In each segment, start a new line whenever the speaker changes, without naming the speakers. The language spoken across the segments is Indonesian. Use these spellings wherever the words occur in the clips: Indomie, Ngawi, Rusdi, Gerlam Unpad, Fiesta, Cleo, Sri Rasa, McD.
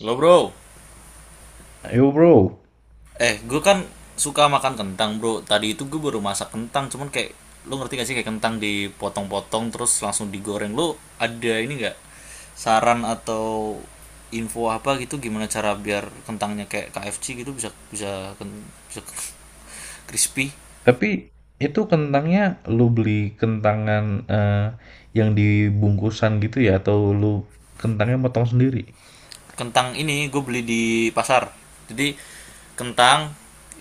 Lo bro,
Yo bro,
gue kan suka makan kentang bro. Tadi itu gue baru masak kentang, cuman kayak lo ngerti gak sih kayak kentang dipotong-potong terus langsung digoreng. Lo ada ini gak saran atau info apa gitu gimana cara biar kentangnya kayak KFC gitu bisa bisa bisa crispy?
tapi itu kentangnya lu beli kentangan eh, yang dibungkusan gitu ya atau lu kentangnya motong sendiri?
Kentang ini gue beli di pasar. Jadi kentang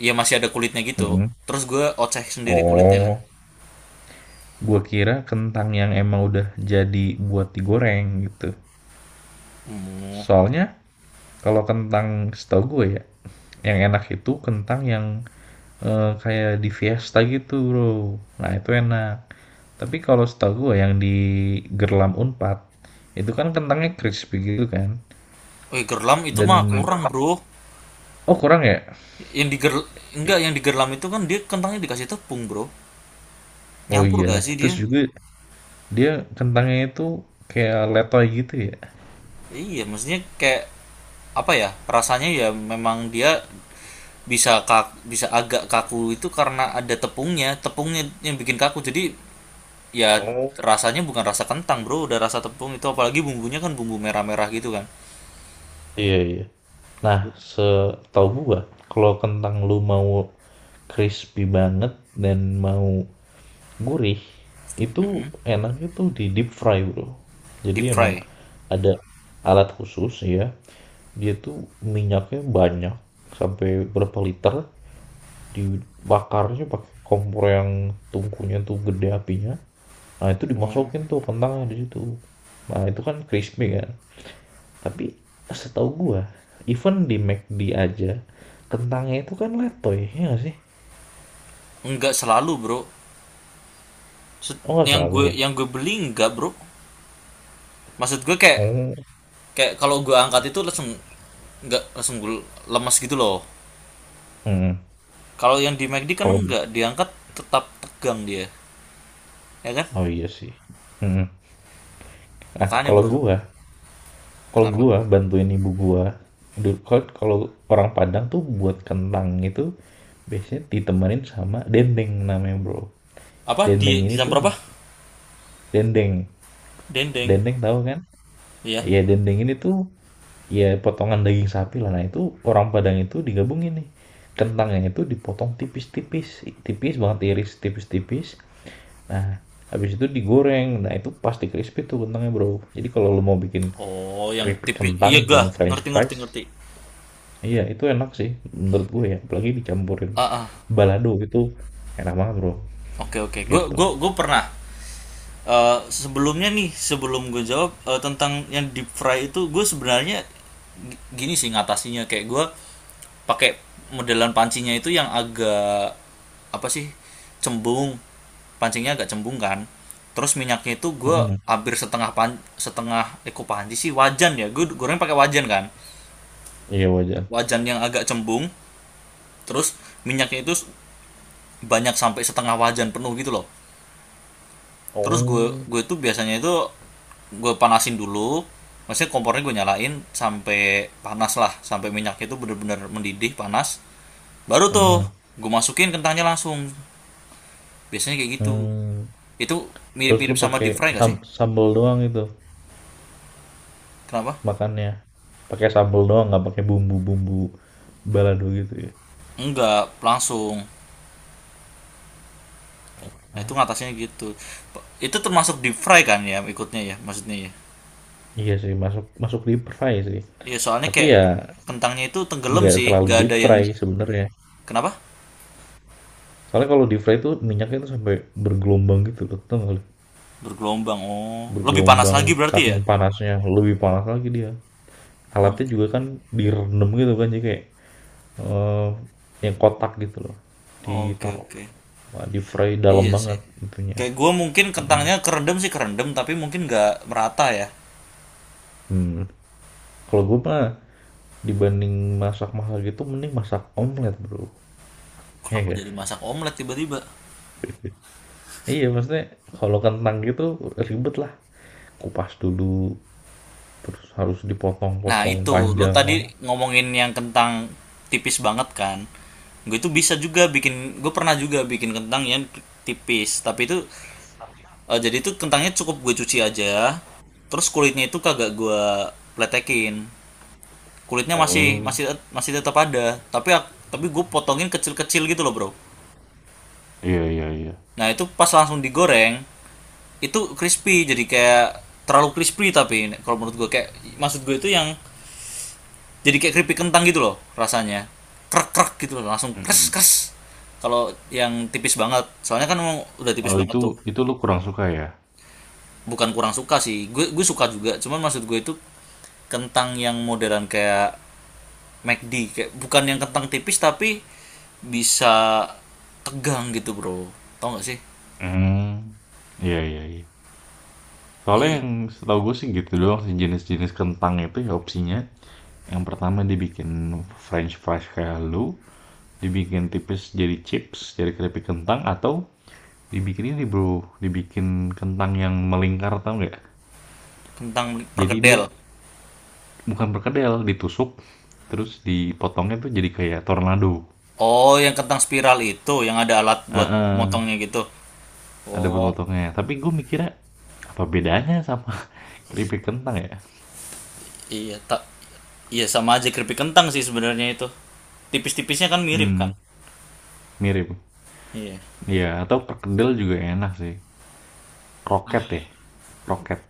ya masih ada kulitnya gitu.
Mm-mm.
Terus gue oceh sendiri kulitnya kan.
Oh, gua kira kentang yang emang udah jadi buat digoreng gitu.
Oh,
Soalnya kalau kentang setahu gue ya, yang enak itu kentang yang kayak di Fiesta gitu bro. Nah itu enak. Tapi kalau setahu gue yang di Gerlam Unpad, itu kan kentangnya crispy gitu kan.
gerlam itu mah
Dan
kurang bro.
Oh kurang ya?
Yang di ger- enggak, yang di gerlam itu kan dia kentangnya dikasih tepung, Bro.
Oh
Nyampur
iya.
gak sih dia?
Terus juga dia kentangnya itu kayak letoy gitu ya?
Iya, maksudnya kayak apa ya? Rasanya ya memang dia bisa agak kaku itu karena ada tepungnya, tepungnya yang bikin kaku. Jadi ya
Oh.
rasanya bukan rasa kentang, Bro, udah rasa tepung itu apalagi bumbunya kan bumbu merah-merah gitu kan.
Iya, iya. Nah, setahu gua, kalau kentang lu mau crispy banget dan mau gurih, itu enaknya tuh di deep fry, bro. Jadi
Deep
emang
fry.
ada alat khusus ya. Dia tuh minyaknya banyak, sampai berapa liter, dibakarnya pakai kompor yang tungkunya tuh gede apinya. Nah, itu
Oh.
dimasukin tuh kentangnya di situ. Nah, itu kan crispy kan. Tapi setahu gua, even di McD aja kentangnya itu kan letoy, ya nggak sih?
Enggak selalu, Bro. Se-
Oh, nggak
Yang
selalu
gue
ya.
yang gue beli enggak, Bro. Maksud gue kayak
Oh,
kayak kalau gue angkat itu langsung, nggak langsung gue lemas gitu loh,
hmm.
kalau yang di McD kan
Kalau
nggak diangkat, tetap tegang dia ya kan.
oh iya sih. Hmm. Nah,
Makanya
kalau
bro,
gua, kalau
kenapa
gua bantuin ibu gua, kalau kalau orang Padang tuh buat kentang itu biasanya ditemenin sama dendeng namanya, Bro.
apa
Dendeng
di
ini
jam
tuh
berapa
dendeng.
dendeng,
Dendeng tahu kan?
iya.
Iya, dendeng ini tuh ya potongan daging sapi lah, nah itu orang Padang itu digabungin nih, kentangnya itu dipotong tipis-tipis, tipis banget, iris tipis-tipis, nah habis itu digoreng, nah itu pasti crispy tuh kentangnya bro. Jadi kalau lo mau bikin
Oh, yang
keripik
tipis, iya,
kentang,
gak
bukan french
ngerti, ngerti, ngerti.
fries. Iya itu enak sih menurut gue ya, apalagi dicampurin
Ah, ah.
balado, itu enak banget bro.
Oke, oke, gue gue
Gitu.
gue pernah. Sebelumnya nih, sebelum gue jawab tentang yang deep fry itu, gue sebenarnya gini sih ngatasinya, kayak gue pakai modelan pancinya itu yang agak apa sih, cembung. Pancingnya agak cembung kan, terus minyaknya itu gue
Mm-mm.
hampir setengah pan setengah eko panci sih, wajan ya, gue goreng pakai wajan kan.
Iya, wajan.
Wajan yang agak cembung, terus minyaknya itu banyak sampai setengah wajan penuh gitu loh. Terus gue
Oh.
gue tuh biasanya itu gue panasin dulu, maksudnya kompornya gue nyalain sampai panas lah, sampai minyaknya itu bener-bener mendidih panas, baru tuh
Mm-mm.
gue masukin kentangnya langsung. Biasanya kayak gitu.
Hmm.
Itu
Terus lu
mirip-mirip sama
pakai
deep fry gak sih?
sambal doang itu
Kenapa
makannya. Pakai sambel doang, nggak pakai bumbu-bumbu balado gitu ya.
enggak langsung, nah itu ngatasnya gitu. Itu termasuk deep fry kan ya, ikutnya ya, maksudnya ya,
Iya sih, masuk, masuk deep fry sih.
iya. Soalnya
Tapi
kayak
ya
kentangnya itu tenggelam
nggak
sih,
terlalu
gak
deep
ada yang,
fry sebenarnya.
kenapa
Soalnya kalau deep fry itu minyaknya tuh sampai bergelombang gitu loh, tau nggak lu?
bergelombang, oh lebih panas lagi
Bergelombang
berarti ya.
saking panasnya, lebih panas lagi dia. Alatnya
Oke,
juga kan
oke.
direndam gitu kan, jadi kayak eee, yang kotak gitu loh,
Oke,
ditaruh.
oke.
Wah, deep fry dalam
Iya sih.
banget itunya.
Kayak gue mungkin
Mm-hmm.
kentangnya kerendam sih, kerendam, tapi mungkin nggak merata ya.
Hmm. Mhm. Kalau gue mah dibanding masak mahal gitu mending masak omelet bro. Iya,
Kenapa
enggak,
jadi masak omelet tiba-tiba?
iya maksudnya kalau kentang gitu ribet lah, kupas dulu, terus harus
Nah
dipotong-potong
itu lo
panjang
tadi
kan.
ngomongin yang kentang tipis banget kan. Gue itu bisa juga bikin, gue pernah juga bikin kentang yang tipis tapi itu jadi itu kentangnya cukup gue cuci aja. Terus kulitnya itu kagak gue pletekin. Kulitnya masih
Oh,
masih masih tetap ada, tapi tapi gue potongin kecil-kecil gitu loh bro.
iya iya iya.
Nah itu pas langsung digoreng itu crispy, jadi kayak terlalu crispy, tapi kalau menurut gue kayak, maksud gue itu yang jadi kayak keripik kentang gitu loh, rasanya krek krek gitu loh, langsung kres
Mm-mm.
kres. Kalau yang tipis banget soalnya kan emang udah tipis
Oh,
banget
itu
tuh,
itu lu kurang suka ya?
bukan kurang suka sih, gue suka juga, cuman maksud gue itu kentang yang modern kayak McD, kayak bukan yang kentang tipis, tapi bisa tegang gitu bro, tau nggak sih.
Hmm, iya iya iya. Soalnya
Iya,
yang setahu gue sih gitu doang sih jenis-jenis kentang itu ya opsinya. Yang pertama dibikin French fries kayak lu, dibikin tipis jadi chips, jadi keripik kentang, atau dibikin ini bro, dibikin kentang yang melingkar, tau nggak?
kentang
Jadi dia
perkedel.
bukan perkedel, ditusuk, terus dipotongnya tuh jadi kayak tornado.
Oh, yang kentang spiral itu yang ada alat buat
Heeh,
motongnya gitu.
ada
Oh,
potongnya. Tapi gue mikirnya apa bedanya sama keripik kentang ya?
iya tak iya, sama aja keripik kentang sih sebenarnya itu. Tipis-tipisnya kan mirip kan?
Hmm, mirip.
Iya.
Ya, atau perkedel juga enak sih. Kroket ya, kroket.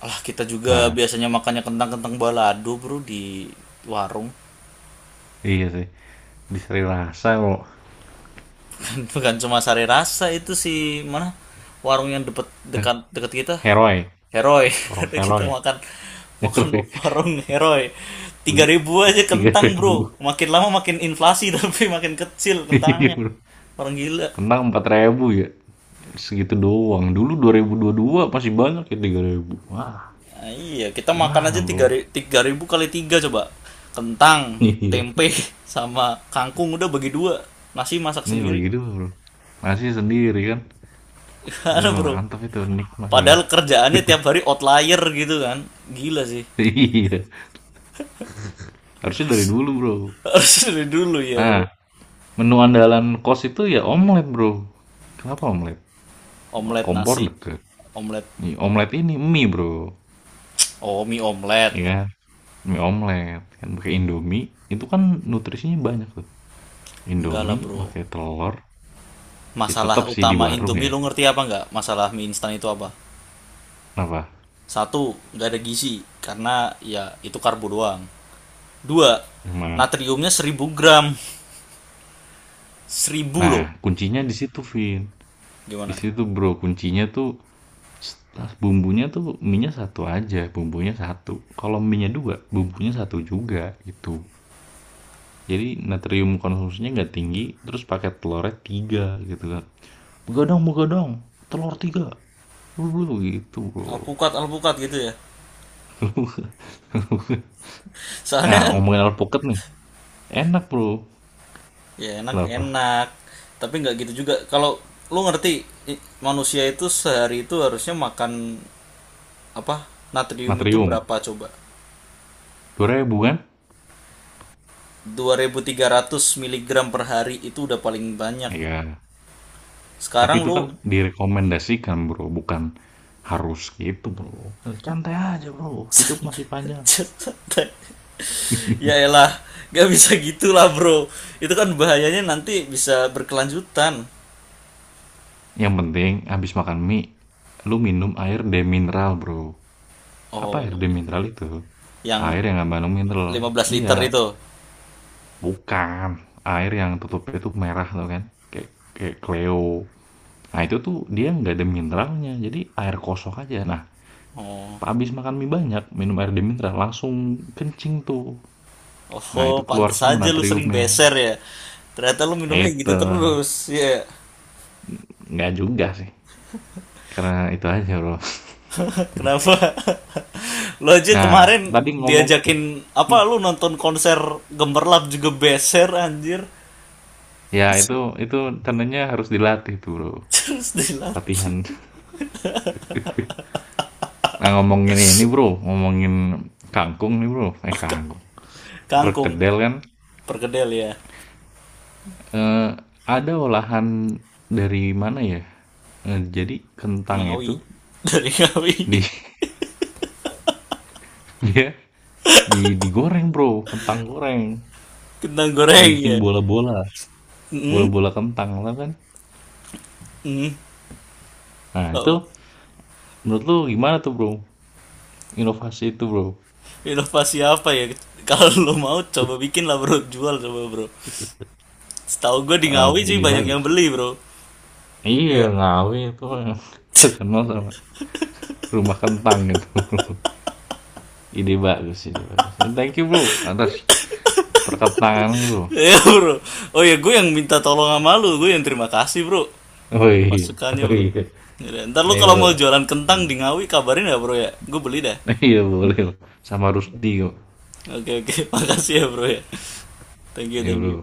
Alah, kita juga
Nah,
biasanya makannya kentang-kentang balado, Bro, di warung.
iya sih. Di Sri Rasa lo,
Bukan cuma sari rasa itu sih, mana? Warung yang deket, dekat dekat kita.
heroi,
Heroi.
orang
Udah kita
heroi,
makan makan
heroi.
warung heroi. Tiga
Beli,
ribu
beli
aja
tiga
kentang,
ribu.
Bro. Makin lama makin inflasi tapi makin kecil
Iya
kentangnya.
bro,
Orang gila.
kentang 4.000 ya. Segitu doang. Dulu 2022 pasti banyak ya 3.000. Wah,
Nah, iya, kita makan aja
gimana bro?
3.000 kali 3 coba. Kentang,
Iya.
tempe sama kangkung udah bagi dua. Nasi masak
Ini
sendiri.
bagi dua bro. Nasi sendiri kan. Itu
Gimana, Bro?
mantap itu, nikmat bro.
Padahal kerjaannya tiap hari outlier gitu kan. Gila sih.
Iya, harusnya dari dulu bro.
Harus dari dulu ya,
Nah,
Bro.
menu andalan kos itu ya omelet bro. Kenapa omelet?
Omelet
Kompor
nasi.
deket.
Omelet
Nih,
om,
omelet ini mie bro.
oh, mie omelet.
Iya, kan? Mie omelet. Kan pakai Indomie, itu kan nutrisinya banyak tuh.
Enggak lah
Indomie
bro.
pakai telur, ya tetap
Masalah
sih di
utama
warung
Indomie,
ya.
lu ngerti apa nggak? Masalah mie instan itu apa?
Kenapa?
Satu, nggak ada gizi, karena ya itu karbo doang. Dua,
Emang
natriumnya 1.000 gram. 1.000
Nah,
loh.
kuncinya di situ, Vin. Di
Gimana?
situ, Bro. Kuncinya tuh setelah bumbunya tuh minyak satu aja, bumbunya satu. Kalau minyak dua, bumbunya satu juga gitu. Jadi natrium konsumsinya nggak tinggi, terus pakai telurnya tiga gitu kan. Begadang, begadang, telur tiga. Bro, gitu, Bro.
Alpukat, alpukat gitu ya. Soalnya
Nah,
kan
ngomongin alpukat nih. Enak, Bro.
ya
Kenapa?
enak-enak. Tapi nggak gitu juga. Kalau lu ngerti manusia itu sehari itu harusnya makan apa? Natrium itu
Natrium.
berapa coba?
2.000 kan?
2.300 miligram per hari itu udah paling banyak.
Iya. Tapi
Sekarang
itu kan
lu
direkomendasikan, Bro, bukan harus gitu, Bro. Santai aja, Bro. Hidup masih panjang.
santai, ya elah, gak bisa gitulah bro, itu kan bahayanya nanti bisa berkelanjutan.
Yang penting habis makan mie, lu minum air demineral, Bro. Apa
Oh
air
ya,
demineral itu?
yang
Air yang nggak mengandung mineral.
15 liter
Iya,
itu.
bukan. Air yang tutupnya tuh merah tuh kan. Kayak kayak Cleo. Nah, itu tuh dia nggak ada mineralnya. Jadi air kosong aja. Nah,
Oh.
habis makan mie banyak, minum air demineral langsung kencing tuh. Nah,
Oh,
itu keluar
pantes
semua
aja lu sering
natriumnya.
beser ya, ternyata lu minumnya gitu
Itu,
terus ya.
nggak juga sih, karena itu aja, Bro.
Kenapa? Lu aja
Nah,
kemarin
tadi ngomong
diajakin apa, lu nonton konser gemerlap juga beser anjir.
ya, itu itu tandanya harus dilatih tuh, Bro.
Terus dilatih?
Latihan. Nah, ngomongin ini, Bro, ngomongin kangkung nih, Bro. Eh, kangkung.
Kangkung,
Perkedel kan,
perkedel ya.
eh, ada olahan dari mana ya? Jadi kentang
Ngawi.
itu
Dari Ngawi.
di dia digoreng, Bro. Kentang goreng.
Kentang goreng ya.
Dibikin bola-bola,
Hmm?
bola-bola kentang lah kan.
Hmm.
Nah,
Oh.
itu menurut lu gimana tuh, Bro? Inovasi itu, Bro.
Inovasi apa ya? Kalau lo mau coba bikin lah bro, jual coba bro. Setahu gue di
Oh,
Ngawi sih
ini
banyak yang
bagus.
beli bro.
Iya,
Iya.
Ngawi itu yang terkenal sama rumah kentang gitu. Ide bagus, ide bagus. And thank you, Bro, atas perkentangannya, Bro.
Iya bro. Oh ya, gue yang minta tolong sama lu, gue yang terima kasih bro.
Oh iya,
Masukannya
oh
bro.
iya.
Yaudah, ntar lu
Iya,
kalau
Bro.
mau jualan
Hmm.
kentang di Ngawi kabarin ya bro ya. Gue beli dah.
Iya, boleh. Bro. Sama Rusdi kok.
Oke oke, makasih ya bro ya. Thank you,
Nih
thank
Bro.
you.